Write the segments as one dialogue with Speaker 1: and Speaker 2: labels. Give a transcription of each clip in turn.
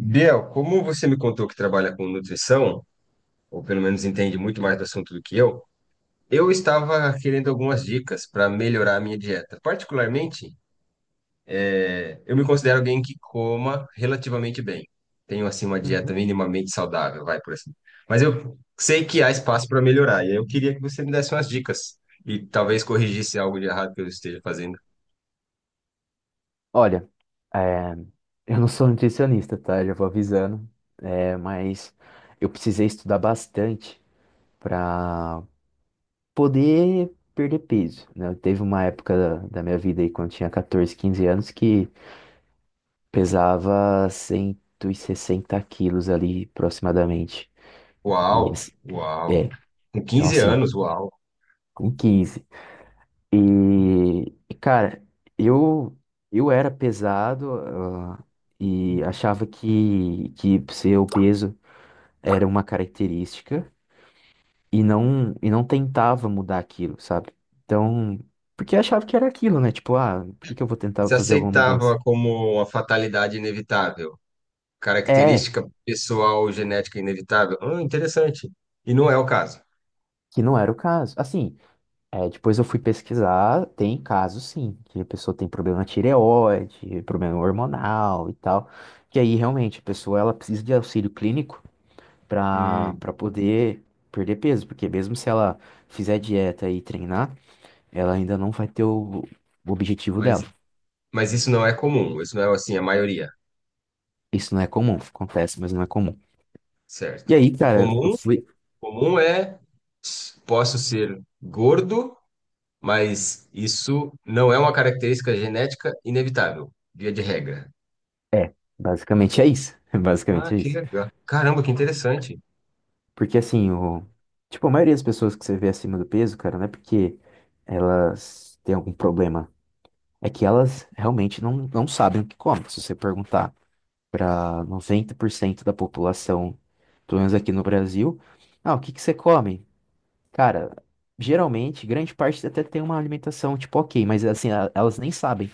Speaker 1: Biel, como você me contou que trabalha com nutrição, ou pelo menos entende muito mais do assunto do que eu estava querendo algumas dicas para melhorar a minha dieta. Particularmente, eu me considero alguém que coma relativamente bem. Tenho, assim, uma dieta
Speaker 2: Uhum.
Speaker 1: minimamente saudável, vai por assim. Mas eu sei que há espaço para melhorar, e eu queria que você me desse umas dicas e talvez corrigisse algo de errado que eu esteja fazendo.
Speaker 2: Olha, é, eu não sou nutricionista, tá? Já vou avisando. É, mas eu precisei estudar bastante para poder perder peso, né? Teve uma época da minha vida aí, quando eu tinha 14, 15 anos, que pesava 160 quilos ali, aproximadamente. E,
Speaker 1: Uau,
Speaker 2: assim,
Speaker 1: uau.
Speaker 2: é,
Speaker 1: Com
Speaker 2: então
Speaker 1: quinze
Speaker 2: assim,
Speaker 1: anos, uau.
Speaker 2: com 15. E, e, cara, eu eu era pesado, e achava que ser obeso era uma característica e não tentava mudar aquilo, sabe? Então, porque achava que era aquilo, né? Tipo, por que que eu vou tentar
Speaker 1: Se
Speaker 2: fazer alguma mudança?
Speaker 1: aceitava como uma fatalidade inevitável.
Speaker 2: É,
Speaker 1: Característica pessoal genética inevitável? Interessante. E não é o caso.
Speaker 2: que não era o caso. Assim, depois eu fui pesquisar, tem casos sim, que a pessoa tem problema na tireoide, problema hormonal e tal, que aí realmente a pessoa ela precisa de auxílio clínico pra,
Speaker 1: Hum,
Speaker 2: pra poder perder peso, porque mesmo se ela fizer dieta e treinar, ela ainda não vai ter o objetivo
Speaker 1: mas,
Speaker 2: dela.
Speaker 1: mas isso não é comum, isso não é assim a maioria,
Speaker 2: Isso não é comum, acontece, mas não é comum. E
Speaker 1: certo?
Speaker 2: aí,
Speaker 1: O
Speaker 2: cara, eu
Speaker 1: comum,
Speaker 2: fui.
Speaker 1: comum é posso ser gordo, mas isso não é uma característica genética inevitável, via de regra.
Speaker 2: É, basicamente é isso.
Speaker 1: Ah,
Speaker 2: Basicamente é
Speaker 1: que
Speaker 2: isso.
Speaker 1: legal. Caramba, que interessante.
Speaker 2: Porque assim, tipo, a maioria das pessoas que você vê acima do peso, cara, não é porque elas têm algum problema. É que elas realmente não sabem o que comem. Se você perguntar para 90% da população, pelo menos aqui no Brasil. Ah, o que que você come? Cara, geralmente, grande parte até tem uma alimentação tipo ok, mas assim, elas nem sabem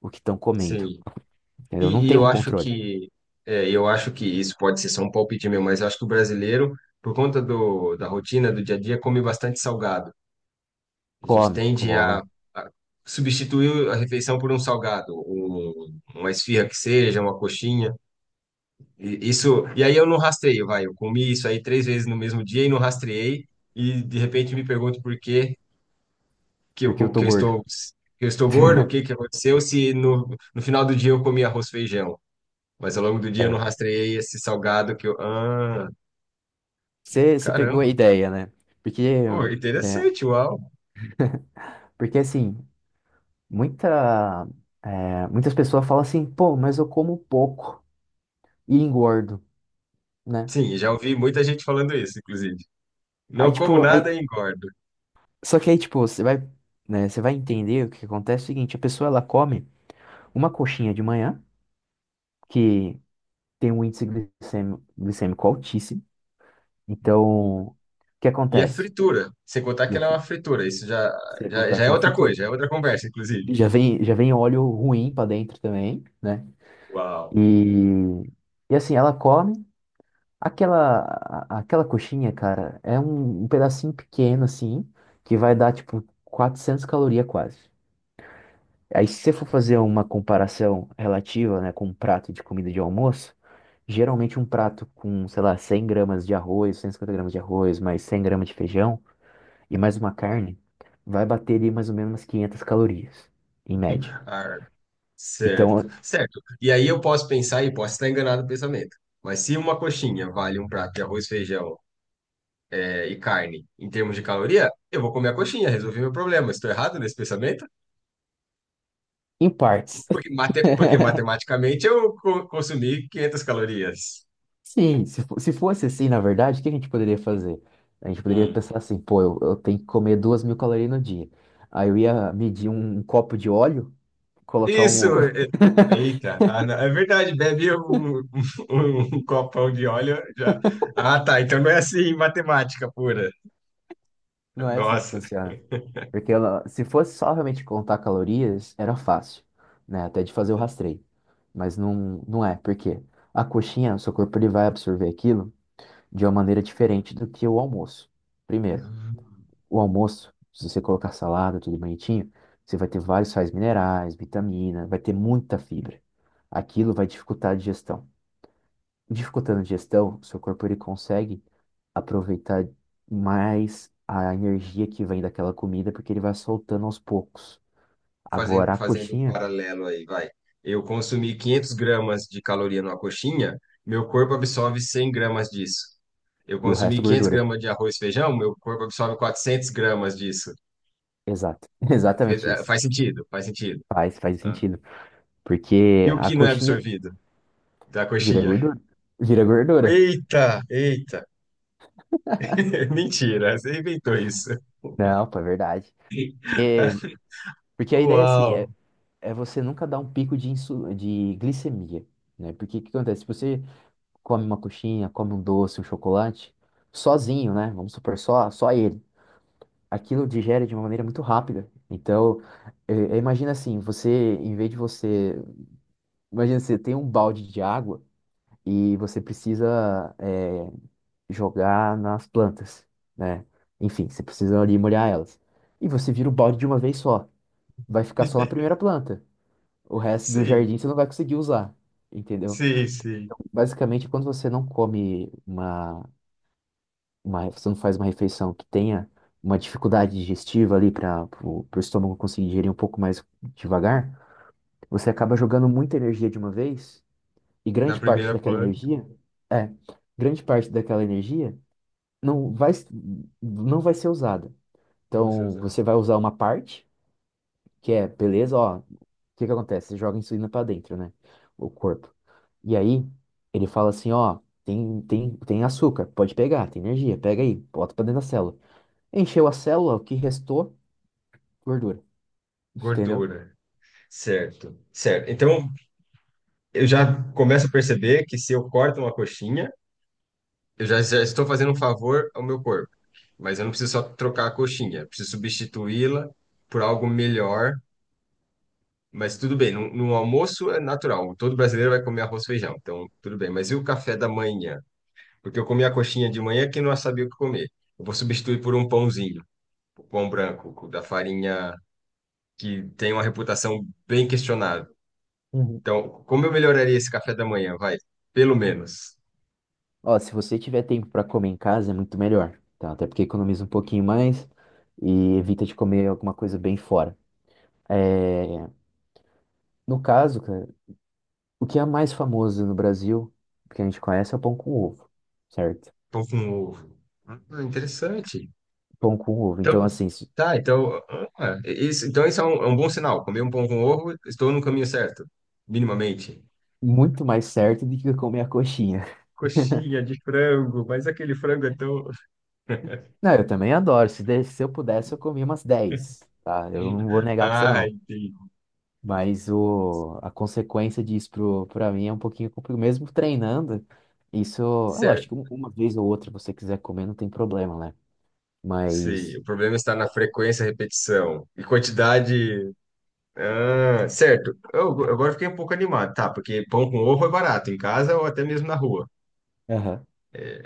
Speaker 2: o que estão comendo,
Speaker 1: Sim.
Speaker 2: entendeu? Não
Speaker 1: E
Speaker 2: tem
Speaker 1: eu
Speaker 2: um
Speaker 1: acho
Speaker 2: controle.
Speaker 1: que eu acho que isso pode ser só um palpite meu, mas eu acho que o brasileiro, por conta do, da rotina do dia a dia, come bastante salgado. A gente
Speaker 2: Come,
Speaker 1: tende
Speaker 2: come,
Speaker 1: a substituir a refeição por um salgado, um, uma esfirra que seja, uma coxinha. E, isso, e aí eu não rastreio, vai. Eu comi isso aí três vezes no mesmo dia e não rastreei, e de repente me pergunto por que que
Speaker 2: porque eu
Speaker 1: eu, que
Speaker 2: tô
Speaker 1: eu
Speaker 2: gordo.
Speaker 1: estou, que eu estou gordo, o que que aconteceu, se no, no final do dia eu comi arroz e feijão. Mas ao longo do dia eu não
Speaker 2: É,
Speaker 1: rastreei esse salgado que eu. Ah, que
Speaker 2: você
Speaker 1: caramba!
Speaker 2: pegou a ideia, né? Porque,
Speaker 1: Pô,
Speaker 2: né?
Speaker 1: interessante, uau!
Speaker 2: Porque assim, muita, muitas pessoas falam assim, pô, mas eu como pouco e engordo, né?
Speaker 1: Sim, já ouvi muita gente falando isso, inclusive.
Speaker 2: Aí,
Speaker 1: Não como
Speaker 2: tipo,
Speaker 1: nada e engordo.
Speaker 2: só que aí, tipo, né, você vai entender o que acontece é o seguinte, a pessoa ela come uma coxinha de manhã, que tem um índice glicêmico altíssimo. Então, o que
Speaker 1: E é
Speaker 2: acontece?
Speaker 1: fritura, sem contar
Speaker 2: E
Speaker 1: que
Speaker 2: é
Speaker 1: ela é uma
Speaker 2: fri-
Speaker 1: fritura. Isso já,
Speaker 2: Você ia
Speaker 1: já,
Speaker 2: contar
Speaker 1: já
Speaker 2: que
Speaker 1: é
Speaker 2: é uma
Speaker 1: outra coisa,
Speaker 2: fritura.
Speaker 1: já é outra conversa, inclusive.
Speaker 2: Já vem óleo ruim pra dentro também, né?
Speaker 1: Uau!
Speaker 2: E, e, assim, ela come aquela coxinha, cara, é um pedacinho pequeno assim, que vai dar tipo 400 calorias quase. Aí, se você for fazer uma comparação relativa, né, com um prato de comida de almoço, geralmente um prato com, sei lá, 100 gramas de arroz, 150 gramas de arroz, mais 100 gramas de feijão e mais uma carne, vai bater ali mais ou menos umas 500 calorias, em média.
Speaker 1: Ah,
Speaker 2: Então,
Speaker 1: certo, certo. E aí eu posso pensar e posso estar enganado no pensamento. Mas se uma coxinha vale um prato de arroz, feijão, e carne em termos de caloria, eu vou comer a coxinha, resolvi meu problema. Estou errado nesse pensamento?
Speaker 2: em partes.
Speaker 1: Porque, porque matematicamente consumi 500 calorias.
Speaker 2: Sim, se fosse assim, na verdade, o que a gente poderia fazer? A gente poderia
Speaker 1: Hum.
Speaker 2: pensar assim, pô, eu tenho que comer 2.000 calorias no dia. Aí eu ia medir um copo de óleo, colocar um.
Speaker 1: Isso! Eita, ah, não, é verdade, bebe um, um copão de óleo já. Ah, tá, então não é assim matemática pura.
Speaker 2: Não é assim que
Speaker 1: Nossa.
Speaker 2: funciona. Porque ela, se fosse só realmente contar calorias, era fácil, né? Até de fazer o rastreio. Mas não, não é, porque a coxinha, o seu corpo ele vai absorver aquilo de uma maneira diferente do que o almoço. Primeiro,
Speaker 1: Ah.
Speaker 2: o almoço, se você colocar salada, tudo bonitinho, você vai ter vários sais minerais, vitamina, vai ter muita fibra. Aquilo vai dificultar a digestão. Dificultando a digestão, o seu corpo ele consegue aproveitar mais a energia que vem daquela comida, porque ele vai soltando aos poucos.
Speaker 1: Fazendo,
Speaker 2: Agora a
Speaker 1: fazendo um
Speaker 2: coxinha
Speaker 1: paralelo aí, vai. Eu consumi 500 gramas de caloria numa coxinha, meu corpo absorve 100 gramas disso. Eu
Speaker 2: e o
Speaker 1: consumi
Speaker 2: resto
Speaker 1: 500
Speaker 2: gordura.
Speaker 1: gramas de arroz e feijão, meu corpo absorve 400 gramas disso.
Speaker 2: Exato. Exatamente isso.
Speaker 1: Faz sentido, faz sentido.
Speaker 2: Faz, faz
Speaker 1: Ah.
Speaker 2: sentido.
Speaker 1: E
Speaker 2: Porque
Speaker 1: o
Speaker 2: a
Speaker 1: que não é
Speaker 2: coxinha
Speaker 1: absorvido da
Speaker 2: vira
Speaker 1: coxinha?
Speaker 2: gordura. Vira gordura.
Speaker 1: Eita, eita. Mentira, você inventou isso.
Speaker 2: Não, pô, é verdade. Porque, porque, a ideia, assim,
Speaker 1: Uau.
Speaker 2: é você nunca dar um pico de glicemia, né? Porque o que acontece? Se você come uma coxinha, come um doce, um chocolate, sozinho, né? Vamos supor, só ele. Aquilo digere de uma maneira muito rápida. Então, imagina assim, você, em vez de você. Imagina, você tem um balde de água, e você precisa é, jogar nas plantas, né? Enfim, você precisa ali molhar elas. E você vira o balde de uma vez só. Vai ficar só na primeira planta. O resto do
Speaker 1: Sim,
Speaker 2: jardim você não vai conseguir usar, entendeu?
Speaker 1: sim, sim.
Speaker 2: Basicamente, quando você não come você não faz uma refeição que tenha uma dificuldade digestiva ali para o estômago conseguir digerir um pouco mais devagar, você acaba jogando muita energia de uma vez e
Speaker 1: Na primeira planta,
Speaker 2: é grande parte daquela energia não vai, não vai ser usada.
Speaker 1: você
Speaker 2: Então,
Speaker 1: usa
Speaker 2: você vai usar uma parte, que é, beleza, ó, o que que acontece? Você joga a insulina para dentro, né? O corpo. E aí, ele fala assim, ó, tem açúcar, pode pegar, tem energia, pega aí, bota para dentro da célula. Encheu a célula, o que restou, gordura, entendeu?
Speaker 1: gordura. Certo, certo. Então, eu já começo a perceber que se eu corto uma coxinha, já estou fazendo um favor ao meu corpo. Mas eu não preciso só trocar a coxinha, eu preciso substituí-la por algo melhor. Mas tudo bem, no almoço é natural. Todo brasileiro vai comer arroz e feijão, então tudo bem. Mas e o café da manhã? Porque eu comi a coxinha de manhã que não sabia o que comer. Eu vou substituir por um pãozinho, um pão branco, da farinha que tem uma reputação bem questionável.
Speaker 2: Uhum.
Speaker 1: Então, como eu melhoraria esse café da manhã? Vai, pelo menos.
Speaker 2: Ó, se você tiver tempo para comer em casa, é muito melhor, tá? Até porque economiza um pouquinho mais e evita de comer alguma coisa bem fora. É, no caso, cara. O que é mais famoso no Brasil, que a gente conhece, é o pão com ovo, certo?
Speaker 1: Pão com ovo. Ah, interessante.
Speaker 2: Pão com ovo. Então,
Speaker 1: Então,
Speaker 2: assim,
Speaker 1: tá, então, ah, isso, então isso é um bom sinal. Comer um pão com ovo, estou no caminho certo, minimamente.
Speaker 2: muito mais certo do que eu comer a coxinha.
Speaker 1: Coxinha de frango, mas aquele frango é tão.
Speaker 2: Não, eu também adoro. Se eu pudesse, eu comia umas dez, tá? Eu não vou negar pra você,
Speaker 1: Ah,
Speaker 2: não.
Speaker 1: entendi.
Speaker 2: Mas a consequência disso pra mim é um pouquinho complicado. Mesmo treinando, isso. É
Speaker 1: Certo.
Speaker 2: lógico, uma vez ou outra, você quiser comer, não tem problema, né?
Speaker 1: Sim,
Speaker 2: Mas.
Speaker 1: o problema está na frequência, repetição e quantidade. Ah, certo. Eu, agora fiquei um pouco animado, tá? Porque pão com ovo é barato em casa ou até mesmo na rua.
Speaker 2: Aham.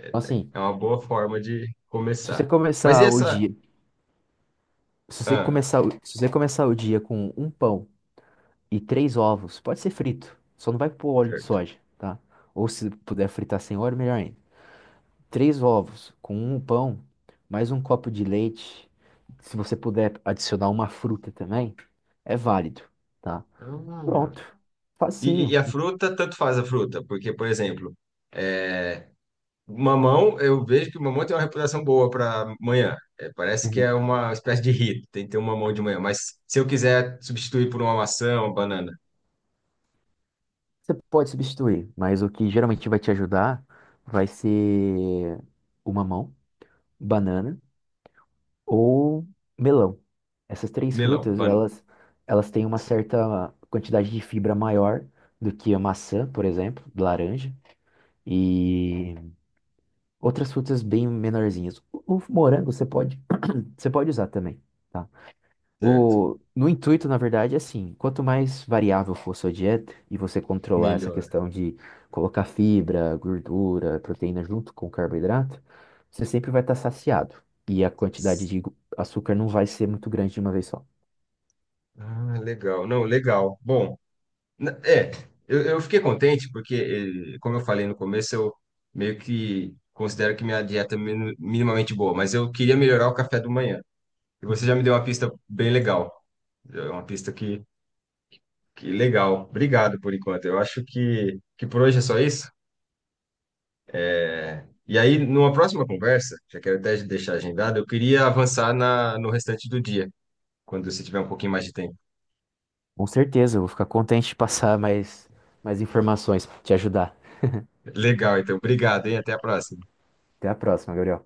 Speaker 2: Então, assim,
Speaker 1: É uma boa forma de
Speaker 2: se você
Speaker 1: começar. Mas e
Speaker 2: começar o
Speaker 1: essa?
Speaker 2: dia. Se você
Speaker 1: Ah,
Speaker 2: começar, o- se você começar o dia com um pão e três ovos. Pode ser frito, só não vai pôr óleo de
Speaker 1: certo.
Speaker 2: soja, tá? Ou se puder fritar sem óleo, melhor ainda. Três ovos com um pão, mais um copo de leite. Se você puder adicionar uma fruta também, é válido, tá?
Speaker 1: Ah.
Speaker 2: Pronto,
Speaker 1: E, e-
Speaker 2: facinho.
Speaker 1: e a fruta, tanto faz a fruta, porque, por exemplo, é, mamão, eu vejo que o mamão tem uma reputação boa para manhã. É, parece que é
Speaker 2: Uhum.
Speaker 1: uma espécie de hit, tem que ter um mamão de manhã. Mas se eu quiser substituir por uma maçã, uma banana,
Speaker 2: Você pode substituir, mas o que geralmente vai te ajudar vai ser o mamão, banana ou melão. Essas três
Speaker 1: melão,
Speaker 2: frutas,
Speaker 1: ban...
Speaker 2: elas têm uma certa quantidade de fibra maior do que a maçã, por exemplo, laranja, e outras frutas bem menorzinhas. O morango você pode usar também, tá?
Speaker 1: certo,
Speaker 2: No intuito, na verdade, é assim, quanto mais variável for sua dieta e você controlar essa
Speaker 1: melhor.
Speaker 2: questão de colocar fibra, gordura, proteína junto com carboidrato, você sempre vai estar saciado. E a quantidade de açúcar não vai ser muito grande de uma vez só.
Speaker 1: Ah, legal, não, legal. Bom, é, eu fiquei contente porque, eh, como eu falei no começo, eu meio que considero que minha dieta é minimamente boa, mas eu queria melhorar o café da manhã. E você
Speaker 2: Uhum.
Speaker 1: já me deu uma pista bem legal, é uma pista que. Que legal. Obrigado por enquanto. Eu acho que por hoje é só isso. É, e aí, numa próxima conversa, já quero até deixar agendado, eu queria avançar na, no restante do dia, quando você tiver um pouquinho mais de tempo.
Speaker 2: Com certeza, eu vou ficar contente de passar mais informações, te ajudar.
Speaker 1: Legal, então. Obrigado, hein? Até a próxima.
Speaker 2: Até a próxima, Gabriel.